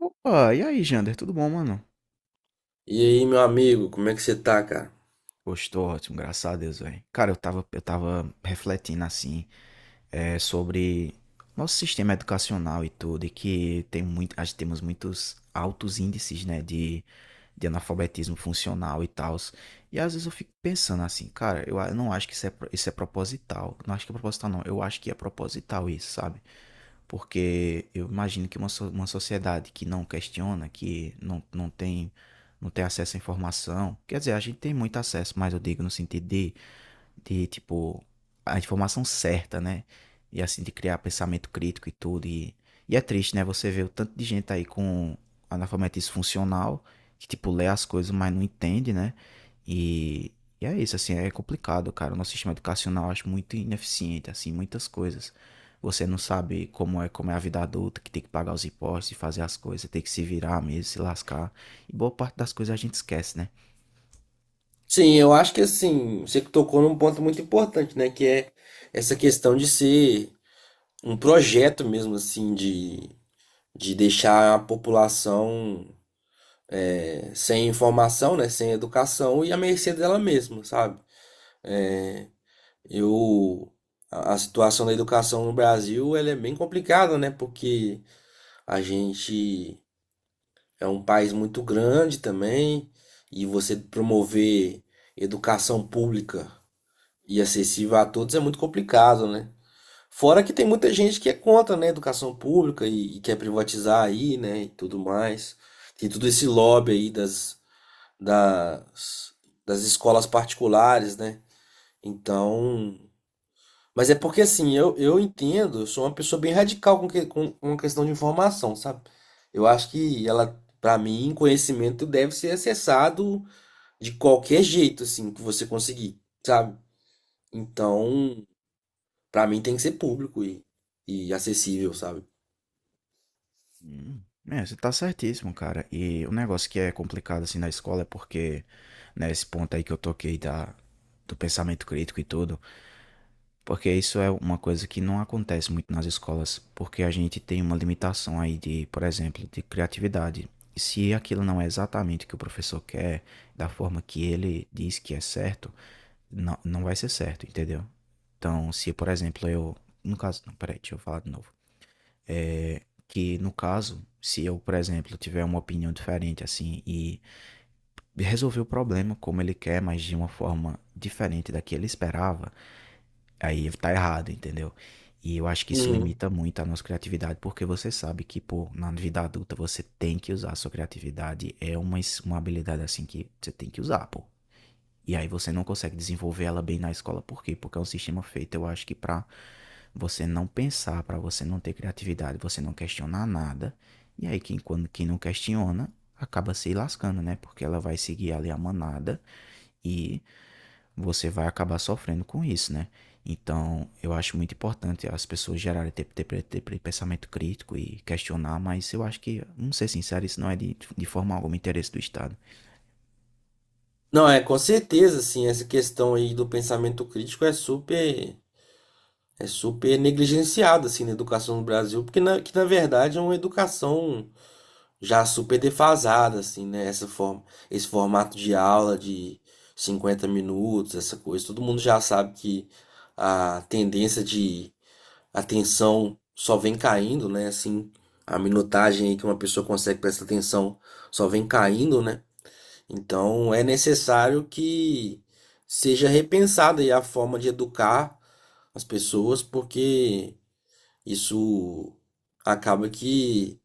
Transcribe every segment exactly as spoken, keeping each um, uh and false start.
Opa, e aí, Jander? Tudo bom, mano? E aí, meu amigo, como é que você tá, cara? Gostou, ótimo, graças a Deus, velho. Cara, eu tava, eu tava refletindo assim, é, sobre nosso sistema educacional e tudo, e que tem muito, acho que temos muitos altos índices, né, de, de analfabetismo funcional e tal. E às vezes eu fico pensando assim, cara, eu, a- eu não acho que isso é, pro- isso é proposital. Não acho que é proposital, não. Eu acho que é proposital isso, sabe? Porque eu imagino que uma, so- uma sociedade que não questiona, que não, não tem, não tem acesso à informação, quer dizer, a gente tem muito acesso, mas eu digo no sentido de de, tipo, a informação certa, né? E assim, de criar pensamento crítico e tudo. E, e é triste, né? Você vê o tanto de gente aí com analfabetismo funcional, que, tipo, lê as coisas, mas não entende, né? E, e é isso, assim, é complicado, cara. O nosso sistema educacional eu acho muito ineficiente, assim, muitas coisas. Você não sabe como é, como é a vida adulta, que tem que pagar os impostos e fazer as coisas, tem que se virar mesmo, se lascar. E boa parte das coisas a gente esquece, né? Sim, eu acho que assim, você tocou num ponto muito importante, né? Que é essa questão de ser um projeto mesmo, assim, de, de deixar a população é, sem informação, né? Sem educação e à mercê dela mesma, sabe? Eu, a, a situação da educação no Brasil, ela é bem complicada, né? Porque a gente é um país muito grande também, e você promover educação pública e acessível a todos é muito complicado, né? Fora que tem muita gente que é contra, né, a educação pública e, e quer privatizar aí, né, e tudo mais. Tem todo esse lobby aí das, das, das escolas particulares, né? Então, mas é porque assim, eu, eu entendo, eu sou uma pessoa bem radical com, que, com uma questão de informação, sabe? Eu acho que ela, pra mim, conhecimento deve ser acessado de qualquer jeito, assim, que você conseguir, sabe? Então, pra mim tem que ser público e, e acessível, sabe? Hum. É, você tá certíssimo, cara. E o negócio que é complicado assim na escola é porque, né, esse ponto aí que eu toquei da, do pensamento crítico e tudo, porque isso é uma coisa que não acontece muito nas escolas, porque a gente tem uma limitação aí de, por exemplo, de criatividade. E se aquilo não é exatamente o que o professor quer, da forma que ele diz que é certo, não, não vai ser certo, entendeu? Então, se, por exemplo, eu. No caso, não, peraí, deixa eu falar de novo é, que no caso, se eu, por exemplo, tiver uma opinião diferente assim e resolver o problema como ele quer, mas de uma forma diferente da que ele esperava, aí tá errado, entendeu? E eu acho que isso Uhum. limita muito a nossa criatividade, porque você sabe que, pô, na vida adulta você tem que usar a sua criatividade, é uma, es- uma habilidade assim que você tem que usar, pô. E aí você não consegue desenvolver ela bem na escola. Por quê? Porque é um sistema feito, eu acho que pra você não pensar, pra você não ter criatividade, você não questionar nada. E aí quem, quando, quem não questiona acaba se lascando, né? Porque ela vai seguir ali a manada e você vai acabar sofrendo com isso, né? Então, eu acho muito importante as pessoas gerarem ter, ter, ter, ter pensamento crítico e questionar, mas eu acho que, vamos ser sinceros, isso não é de, de forma alguma interesse do Estado. Não, é com certeza, assim, essa questão aí do pensamento crítico é super, é super negligenciada, assim, na educação no Brasil, porque na, que na verdade é uma educação já super defasada, assim, né? Essa forma, esse formato de aula de cinquenta minutos, essa coisa. Todo mundo já sabe que a tendência de atenção só vem caindo, né? Assim, a minutagem aí que uma pessoa consegue prestar atenção só vem caindo, né? Então é necessário que seja repensada aí a forma de educar as pessoas, porque isso acaba que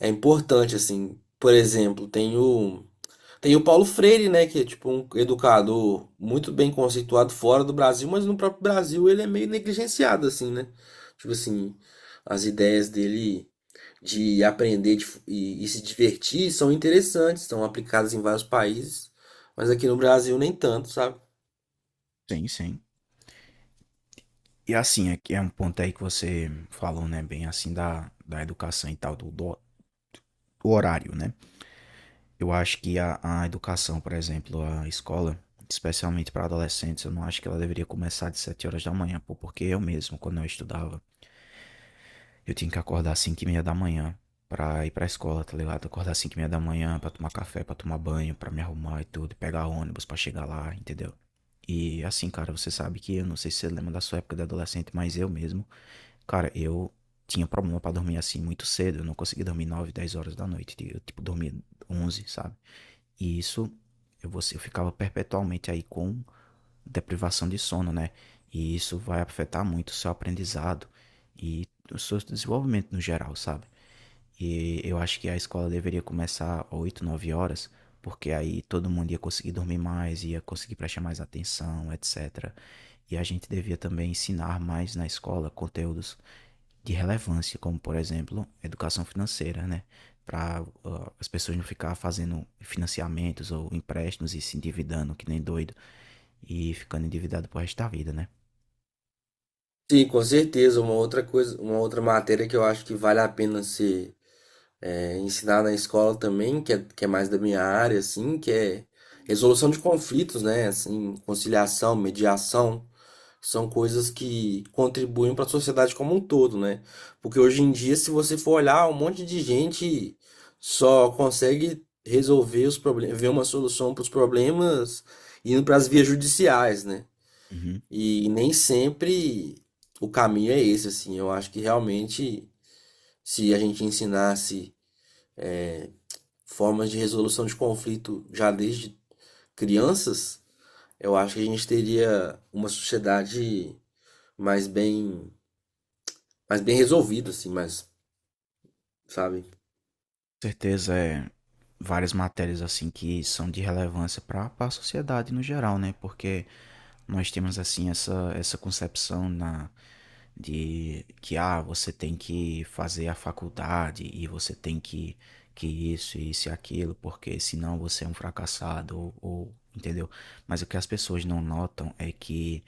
é importante, assim. Por exemplo, tem o, tem o Paulo Freire, né? Que é tipo um educador muito bem conceituado fora do Brasil, mas no próprio Brasil ele é meio negligenciado, assim, né? Tipo assim, as ideias dele de aprender de f- e, e se divertir são interessantes, são aplicadas em vários países, mas aqui no Brasil nem tanto, sabe? Sim, sim. E assim, é, que é um ponto aí que você falou, né, bem assim da, da educação e tal, do, do- do horário, né? Eu acho que a, a educação, por exemplo, a escola, especialmente para adolescentes, eu não acho que ela deveria começar de sete horas da manhã, pô, porque eu mesmo, quando eu estudava, eu tinha que acordar às cinco e meia da manhã pra ir pra escola, tá ligado? Acordar às cinco e meia da manhã pra tomar café, pra tomar banho, pra me arrumar e tudo, pegar ônibus pra chegar lá, entendeu? E assim, cara, você sabe que eu não sei se você lembra da sua época de adolescente, mas eu mesmo. Cara, eu tinha problema pra dormir assim muito cedo. Eu não conseguia dormir nove dez horas da noite. Eu, tipo, dormia onze, sabe? E isso, eu, você, eu ficava perpetualmente aí com deprivação de sono, né? E isso vai afetar muito o seu aprendizado e o seu desenvolvimento no geral, sabe? E eu acho que a escola deveria começar oito nove horas, porque aí todo mundo ia conseguir dormir mais, ia conseguir prestar mais atenção, et cetera. E a gente devia também ensinar mais na escola conteúdos de relevância, como por exemplo, educação financeira, né? Para uh, as pessoas não ficar fazendo financiamentos ou empréstimos e se endividando que nem doido e ficando endividado pro resto da vida, né? Sim, com certeza. Uma outra coisa, uma outra matéria que eu acho que vale a pena ser é, ensinar na escola também, que é, que é mais da minha área, assim, que é resolução de conflitos, né? Assim, conciliação, mediação, são coisas que contribuem para a sociedade como um todo, né? Porque hoje em dia, se você for olhar, um monte de gente só consegue resolver os problemas, ver uma solução para os problemas indo para as vias judiciais, né? Uhum. E nem sempre o caminho é esse, assim. Eu acho que realmente, se a gente ensinasse formas de resolução de conflito já desde crianças, eu acho que a gente teria uma sociedade mais bem, mais bem resolvida, assim, mais, sabe? Certeza, é várias matérias assim que são de relevância para a sociedade no geral, né? Porque nós temos assim essa essa concepção na de que ah, você tem que fazer a faculdade e você tem que que isso e isso e aquilo, porque senão você é um fracassado, ou, ou entendeu? Mas o que as pessoas não notam é que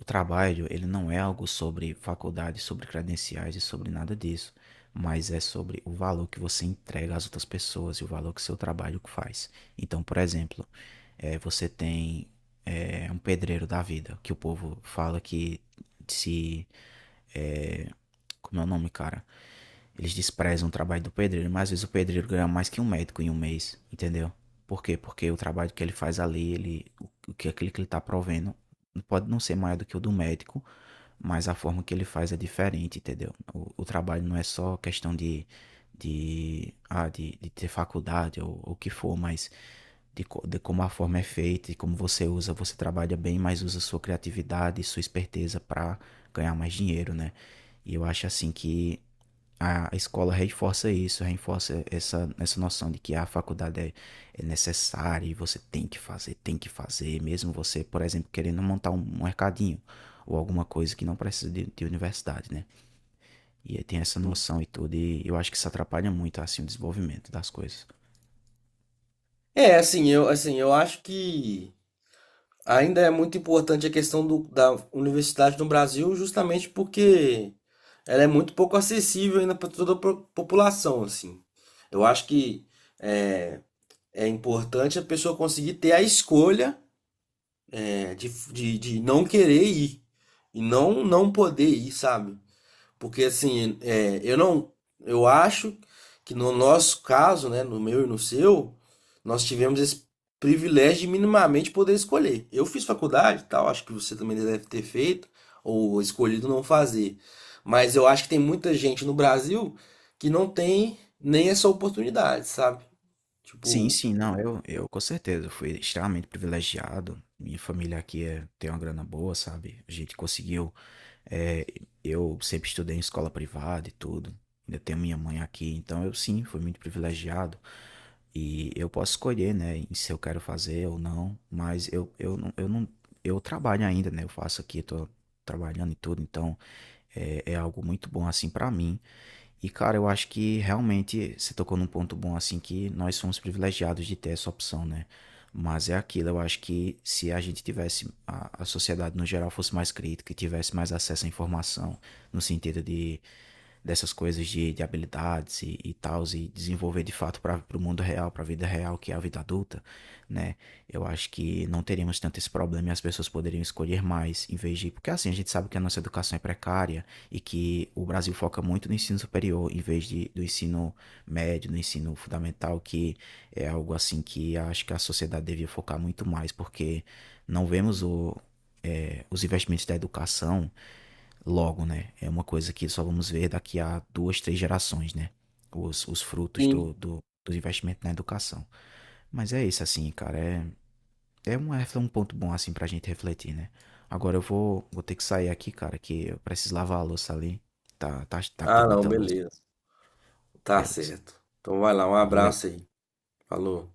o trabalho, ele não é algo sobre faculdade, sobre credenciais e sobre nada disso, mas é sobre o valor que você entrega às outras pessoas e o valor que seu trabalho faz. Então, por exemplo, eh, você tem eh, um pedreiro da vida, que o povo fala que se. eh, Como é o nome, cara? Eles desprezam o trabalho do pedreiro, mas às vezes o pedreiro ganha mais que um médico em um mês, entendeu? Por quê? Porque o trabalho que ele faz ali, ele, o que aquilo que ele está provendo pode não ser maior do que o do médico, mas a forma que ele faz é diferente, entendeu? O, o trabalho não é só questão de, de, ah, de, de ter faculdade ou o que for, mas de, co- de como a forma é feita e como você usa, você trabalha bem, mas usa sua criatividade e sua esperteza para ganhar mais dinheiro, né? E eu acho assim que a escola reforça isso, reforça essa, essa noção de que a faculdade é, é necessária e você tem que fazer, tem que fazer, mesmo você, por exemplo, querendo montar um mercadinho ou alguma coisa que não precisa de, de universidade, né? E aí tem essa noção e tudo, e eu acho que isso atrapalha muito, assim, o desenvolvimento das coisas. É, assim, eu, assim, eu acho que ainda é muito importante a questão do, da universidade no Brasil, justamente porque ela é muito pouco acessível ainda para toda a po- população, assim. Eu acho que é, é importante a pessoa conseguir ter a escolha é de, de, de não querer ir e não não poder ir, sabe? Porque assim, é, eu não, eu acho que no nosso caso, né, no meu e no seu, nós tivemos esse privilégio de minimamente poder escolher. Eu fiz faculdade, e tal, acho que você também deve ter feito ou escolhido não fazer. Mas eu acho que tem muita gente no Brasil que não tem nem essa oportunidade, sabe? Sim, Tipo, sim, não, eu, eu com certeza fui extremamente privilegiado. Minha família aqui é, tem uma grana boa, sabe? A gente conseguiu. é, eu sempre estudei em escola privada e tudo. Ainda tenho minha mãe aqui, então eu sim fui muito privilegiado. E eu posso escolher, né, em se eu quero fazer ou não, mas eu, eu, não- eu não. Eu trabalho ainda, né? Eu faço aqui, tô trabalhando e tudo, então é, é algo muito bom assim pra mim. E, cara, eu acho que realmente você tocou num ponto bom, assim, que nós somos privilegiados de ter essa opção, né? Mas é aquilo, eu acho que se a gente tivesse, a, a sociedade no geral fosse mais crítica e tivesse mais acesso à informação, no sentido de dessas coisas de, de habilidades e, e tal, e desenvolver de fato para o mundo real, para a vida real, que é a vida adulta, né? Eu acho que não teríamos tanto esse problema e as pessoas poderiam escolher mais em vez de. Porque assim, a gente sabe que a nossa educação é precária, e que o Brasil foca muito no ensino superior em vez de, do ensino médio, no ensino fundamental, que é algo assim que acho que a sociedade devia focar muito mais, porque não vemos o, é, os investimentos da educação logo, né? É uma coisa que só vamos ver daqui a duas, três gerações, né? Os, os frutos do, sim. do, do investimento na educação. Mas é isso, assim, cara. É, é um, é um ponto bom assim pra gente refletir, né? Agora eu vou, vou ter que sair aqui, cara, que eu preciso lavar a louça ali. Tá, tá, tá, tem Ah, não, muita louça. beleza. Tá Beleza. certo. Então vai lá, um Valeu. abraço aí. Falou.